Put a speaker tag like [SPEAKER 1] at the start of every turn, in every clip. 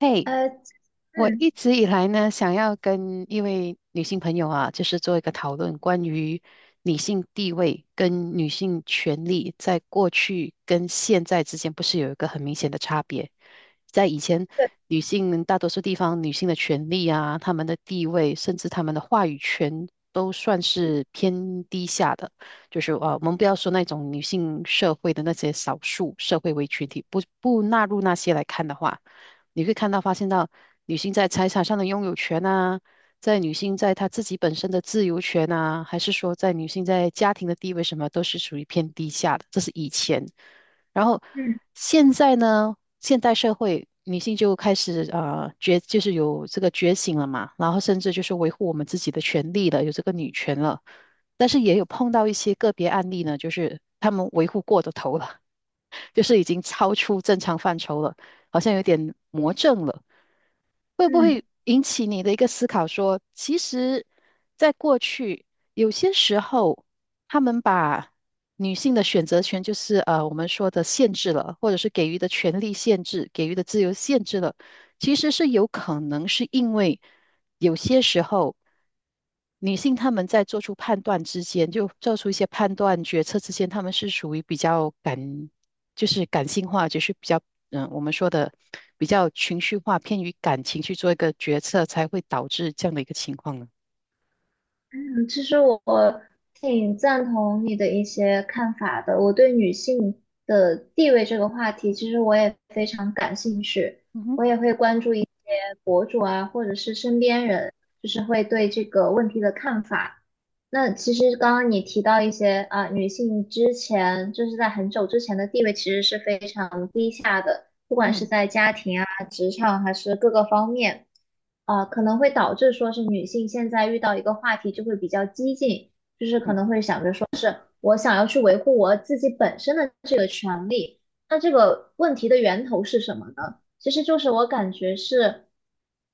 [SPEAKER 1] 嘿，
[SPEAKER 2] 呃，
[SPEAKER 1] 我
[SPEAKER 2] 嗯
[SPEAKER 1] 一直以来呢，想要跟一位女性朋友啊，就是做一个讨论，关于女性地位跟女性权利在过去跟现在之间，不是有一个很明显的差别？在以前，女性大多数地方女性的权利啊，她们的地位，甚至她们的话语权都算是偏低下的。就是啊，我们不要说那种女性社会的那些少数社会为群体，不纳入那些来看的话。你会看到发现到女性在财产上的拥有权啊，在女性在她自己本身的自由权啊，还是说在女性在家庭的地位什么，都是属于偏低下的。这是以前，然后
[SPEAKER 2] 嗯
[SPEAKER 1] 现在呢，现代社会女性就开始觉就是有这个觉醒了嘛，然后甚至就是维护我们自己的权利了，有这个女权了。但是也有碰到一些个别案例呢，就是他们维护过的头了。就是已经超出正常范畴了，好像有点魔怔了。会不
[SPEAKER 2] 嗯
[SPEAKER 1] 会引起你的一个思考说，其实，在过去有些时候，他们把女性的选择权，就是我们说的限制了，或者是给予的权利限制、给予的自由限制了，其实是有可能是因为有些时候。女性她们在做出判断之间，就做出一些判断决策之间，她们是属于比较感就是感性化，就是比较我们说的比较情绪化，偏于感情去做一个决策，才会导致这样的一个情况呢。
[SPEAKER 2] 嗯，其实我挺赞同你的一些看法的。我对女性的地位这个话题，其实我也非常感兴趣，
[SPEAKER 1] 嗯哼，
[SPEAKER 2] 我也会关注一些博主啊，或者是身边人，就是会对这个问题的看法。那其实刚刚你提到一些啊，女性之前就是在很久之前的地位其实是非常低下的。不管是
[SPEAKER 1] 嗯
[SPEAKER 2] 在家庭啊、职场还是各个方面，啊、可能会导致说是女性现在遇到一个话题就会比较激进，
[SPEAKER 1] 嗯
[SPEAKER 2] 我想要去维护我自己本身的。这。那这个问题的源头是什么呢？其实就是我感觉是，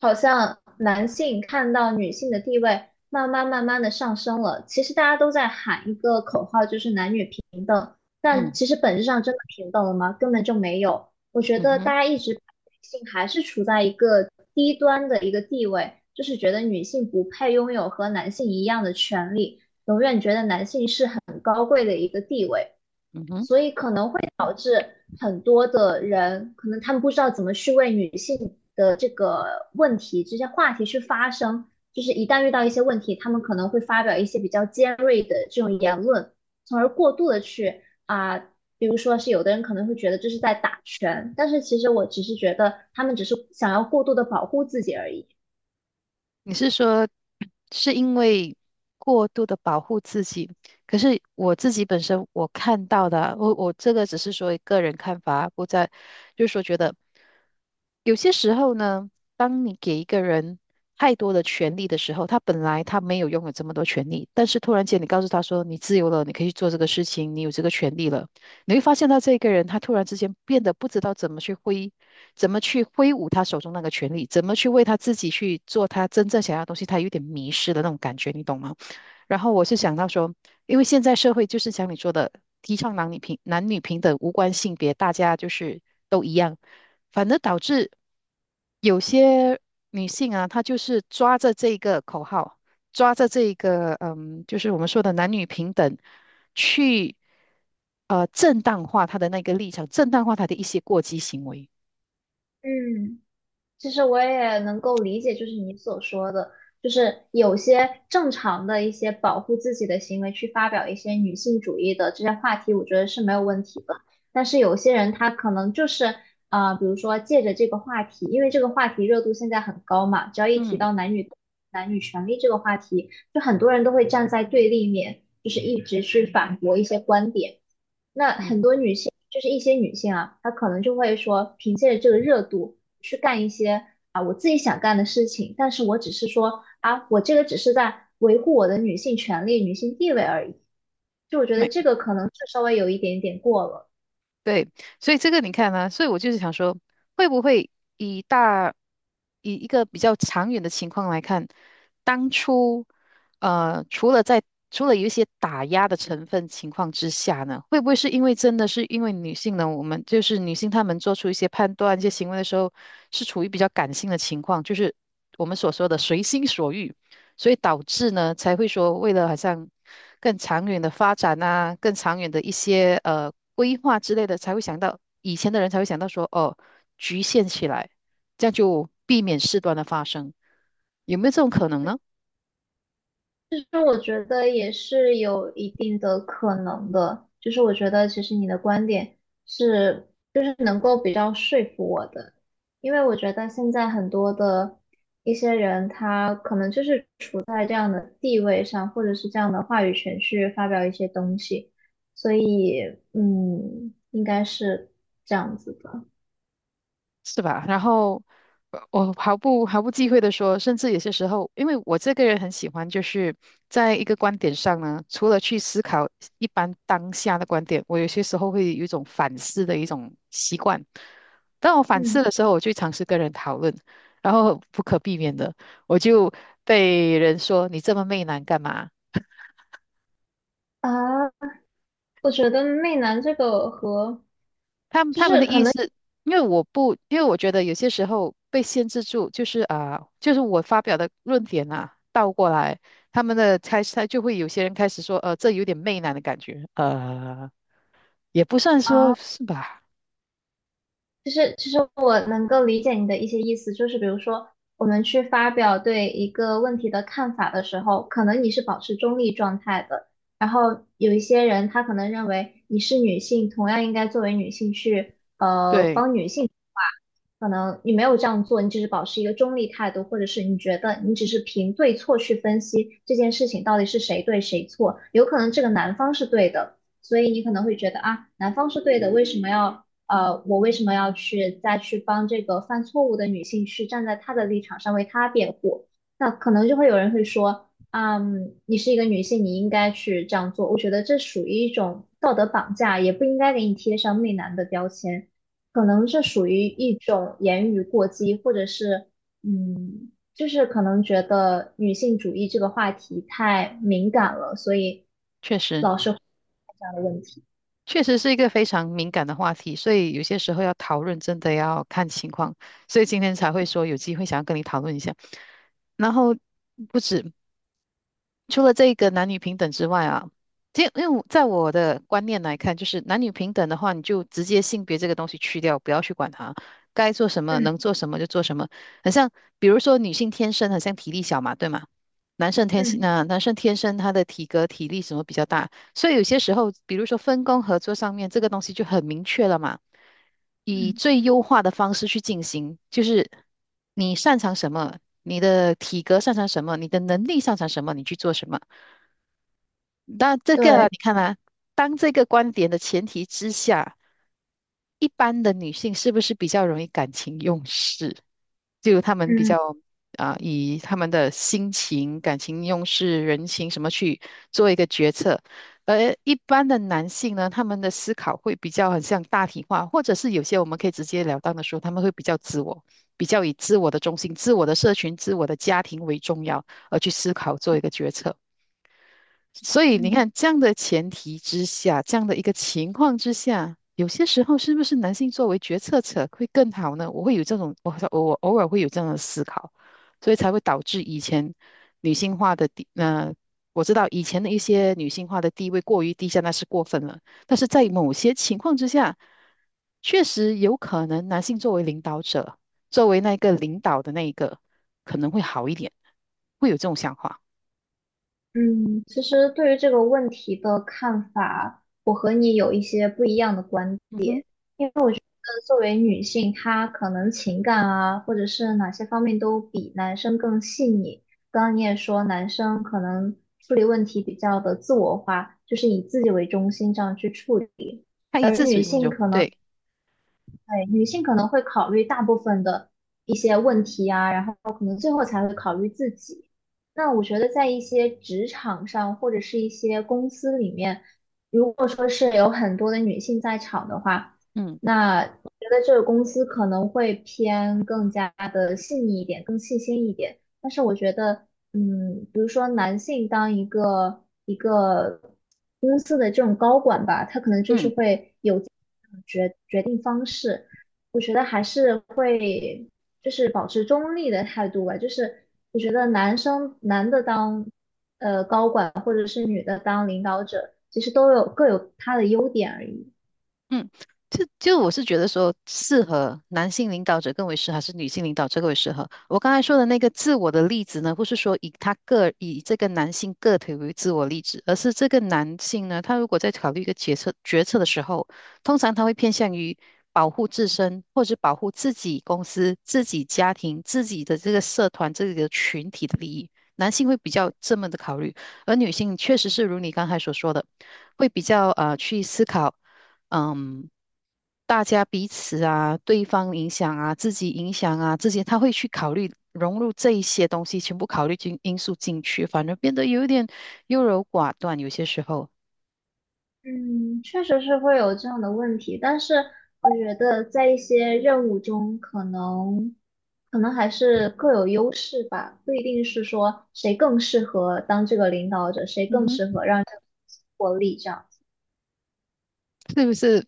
[SPEAKER 2] 好像男性看到女性的地位慢慢慢慢的上升了。其实大家都在喊一个口号，就是男女平等，但
[SPEAKER 1] 嗯
[SPEAKER 2] 其实本质上真的平等了吗？根本就没有。我觉
[SPEAKER 1] 嗯
[SPEAKER 2] 得
[SPEAKER 1] 哼，
[SPEAKER 2] 大家一直把女性还是处在一个低端的一个地位，就是觉得女性不配拥有和男性一样的权利，永远觉得男性是很高贵的一个地位。
[SPEAKER 1] 嗯哼。
[SPEAKER 2] 所以可能会导致很多的人，可能他们不知道怎么去为女性的这个问题、这些话题去发声，就是一旦遇到一些问题，他们可能会发表一些比较尖锐的这种言论，从而过度的去啊、比如说是有的人可能会觉得这是在打拳，但是其实我只是觉得他们只是想要过度的保护自己而已。
[SPEAKER 1] 你是说是因为过度的保护自己？可是我自己本身我看到的，我这个只是说个人看法，不在，就是说觉得有些时候呢，当你给一个人太多的权利的时候，他本来他没有拥有这么多权利，但是突然间你告诉他说你自由了，你可以去做这个事情，你有这个权利了。你会发现到这个人他突然之间变得不知道怎么去挥，怎么去挥舞他手中那个权力，怎么去为他自己去做他真正想要的东西，他有点迷失的那种感觉，你懂吗？然后我是想到说，因为现在社会就是像你说的，提倡男女平等，无关性别，大家就是都一样，反而导致有些女性啊，她就是抓着这个口号，抓着这一个嗯，就是我们说的男女平等，去正当化她的那个立场，正当化她的一些过激行为。
[SPEAKER 2] 嗯。其实我也能够理解，就是你所说的，就是有些正常的一些保护自己的行为，去发表一些女性主义的这些话题，我觉得是没有问题的。但是有些人他可能就是啊，比如说借着这个话题，因为这个话题热度现在很高嘛，只要一提
[SPEAKER 1] 嗯
[SPEAKER 2] 到男女权利这个话题，就很多人都会站在对立面，就是一直去反驳一些观点。那
[SPEAKER 1] 嗯，
[SPEAKER 2] 很多女性，就是一些女性啊，她可能就会说，凭借着这个热度去干一些啊我自己想干的事情，但是我只是说啊，我这个只是在维护我的女性权利、女性地位而已。就我觉得
[SPEAKER 1] 没
[SPEAKER 2] 这个可能是稍微有一点点过了。
[SPEAKER 1] 对，所以这个你看呢、所以我就是想说，会不会以大以一个比较长远的情况来看，当初呃，除了在除了有一些打压的成分情况之下呢，会不会是因为真的是因为女性呢，我们就是女性她们做出一些判断、一些行为的时候，是处于比较感性的情况，就是我们所说的随心所欲，所以导致呢才会说，为了好像更长远的发展啊，更长远的一些规划之类的，才会想到以前的人才会想到说，哦，局限起来，这样就避免事端的发生，有没有这种可能呢？
[SPEAKER 2] 那我觉得也是有一定的可能的，就是我觉得其实你的观点是，就是能够比较说服我的，因为我觉得现在很多的一些人，他可能就是处在这样的地位上，或者是这样的话语权去发表一些东西，所以嗯，应该是这样子的，
[SPEAKER 1] 是吧？然后我毫不忌讳的说，甚至有些时候，因为我这个人很喜欢，就是在一个观点上呢，除了去思考一般当下的观点，我有些时候会有一种反思的一种习惯。当我反思
[SPEAKER 2] 嗯
[SPEAKER 1] 的时候，我就尝试跟人讨论，然后不可避免的，我就被人说你这么媚男干嘛？
[SPEAKER 2] 啊，我觉得媚男这个和
[SPEAKER 1] 他们的意思，因为我不，因为我觉得有些时候被限制住，就是啊、就是我发表的论点啊，倒过来，他们的开始，他就会有些人开始说，这有点媚男的感觉，也不算说
[SPEAKER 2] 啊。
[SPEAKER 1] 是吧？
[SPEAKER 2] 就是其实我能够理解你的一些意思，就是比如说，我们去发表对一个问题的看法的时候，可能你是保持中立状态的，然后有一些人他可能认为你是女性，同样应该作为女性去
[SPEAKER 1] 对，
[SPEAKER 2] 帮女性，可能你没有这样做，你只是保持一个中立态度，或者是你觉得你只是凭对错去分析这件事情到底是谁对谁错，有可能这个男方是对的，所以你可能会觉得啊，男方是对的，为什么要？我为什么要去再去帮这个犯错误的女性去站在她的立场上为她辩护？那可能就会有人会说，嗯，你是一个女性，你应该去这样做。我觉得这属于一种道德绑架，也不应该给你贴上媚男的标签。可能这属于一种言语过激，或者是，嗯，就是可能觉得女性主义这个话题太敏感了，所以
[SPEAKER 1] 确实，
[SPEAKER 2] 这样的问题。
[SPEAKER 1] 确实是一个非常敏感的话题，所以有些时候要讨论，真的要看情况，所以今天才会说有机会想要跟你讨论一下。然后不止，除了这个男女平等之外啊，其实因为在我的观念来看，就是男女平等的话，你就直接性别这个东西去掉，不要去管它，该做什么能
[SPEAKER 2] 嗯
[SPEAKER 1] 做什么就做什么。很像，比如说女性天生很像体力小嘛，对吗？
[SPEAKER 2] 嗯
[SPEAKER 1] 男生天生他的体格体力什么比较大，所以有些时候，比如说分工合作上面，这个东西就很明确了嘛，以
[SPEAKER 2] 嗯，
[SPEAKER 1] 最优化的方式去进行，就是你擅长什么，你的体格擅长什么，你的能力擅长什么，你去做什么。那这个啊
[SPEAKER 2] 对。
[SPEAKER 1] 你看啊，当这个观点的前提之下，一般的女性是不是比较容易感情用事？就她们比
[SPEAKER 2] 嗯
[SPEAKER 1] 较啊、以她们的心情、感情用事、人情什么去做一个决策，而一般的男性呢，他们的思考会比较很像大体化，或者是有些我们可以直截了当的说，他们会比较自我，比较以自我的中心、自我的社群、自我的家庭为重要而去思考做一个决策。所以你
[SPEAKER 2] 嗯。
[SPEAKER 1] 看，这样的前提之下，这样的一个情况之下，有些时候是不是男性作为决策者会更好呢？我会有这种，我偶尔会有这样的思考，所以才会导致以前女性化的地，呃，我知道以前的一些女性化的地位过于低下，那是过分了。但是在某些情况之下，确实有可能男性作为领导者，作为那个领导的那一个，可能会好一点，会有这种想法。
[SPEAKER 2] 嗯，其实对于这个问题的看法和你有一些不一样的观点，
[SPEAKER 1] 嗯哼，
[SPEAKER 2] 因为我觉得作为女性，她可能情感啊，或者是哪些方面都比男生更细腻。刚刚你也说，男生可能处理问题比较的自我化，就是以自己为中心这样去处理。
[SPEAKER 1] 他以自主，我就对。
[SPEAKER 2] 对，女性可能会考虑大部分的一些问题啊，然后可能最后才会考虑自己。那我觉得在一些职场上或者是一些公司里面，如果说是有很多的女性在场的话，
[SPEAKER 1] 嗯
[SPEAKER 2] 那我觉得这个公司可能会偏更加的细腻一点，更细心一点。但是我觉得嗯，比如说男性当一个一个公司的这种高管吧，他可能就是
[SPEAKER 1] 嗯，
[SPEAKER 2] 会有这种决决定方式，我觉得还是会就是保持中立的态度吧，就是我觉得男生男的当高管或者是女的当领导者，其实都有各有他的优点而已。
[SPEAKER 1] 嗯，就我是觉得说，适合男性领导者更为适合，还是女性领导者更为适合？我刚才说的那个自我的例子呢，不是说以他个以这个男性个体为自我例子，而是这个男性呢，他如果在考虑一个决策的时候，通常他会偏向于保护自身，或者保护自己公司、自己家庭、自己的这个社团、这个群体的利益。男性会比较这么的考虑，而女性确实是如你刚才所说的，会比较去思考。嗯，大家彼此啊，对方影响啊，自己影响啊，这些他会去考虑融入这一些东西，全部考虑进因素进去，反而变得有一点优柔寡断，有些时候，
[SPEAKER 2] 嗯，确实是会有这样的问题，但是我觉得在一些任务中，可能还是各有优势吧，不一定是说谁更适合当这个领导者，谁
[SPEAKER 1] 嗯
[SPEAKER 2] 更
[SPEAKER 1] 哼，
[SPEAKER 2] 适合让这个获利这样。
[SPEAKER 1] 是不是？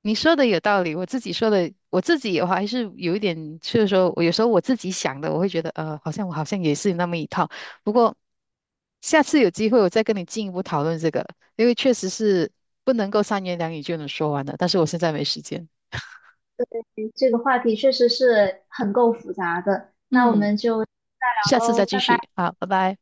[SPEAKER 1] 你说的有道理，我自己说的，我自己的话还是有一点，就是说我有时候我自己想的，我会觉得好像我好像也是那么一套，不过。下次有机会我再跟你进一步讨论这个，因为确实是不能够三言两语就能说完的，但是我现在没时间。
[SPEAKER 2] 嗯这个话题确实是很够复杂的，那我
[SPEAKER 1] 嗯，
[SPEAKER 2] 们就再
[SPEAKER 1] 下
[SPEAKER 2] 聊
[SPEAKER 1] 次再
[SPEAKER 2] 喽，
[SPEAKER 1] 继
[SPEAKER 2] 拜拜。
[SPEAKER 1] 续，好，拜拜。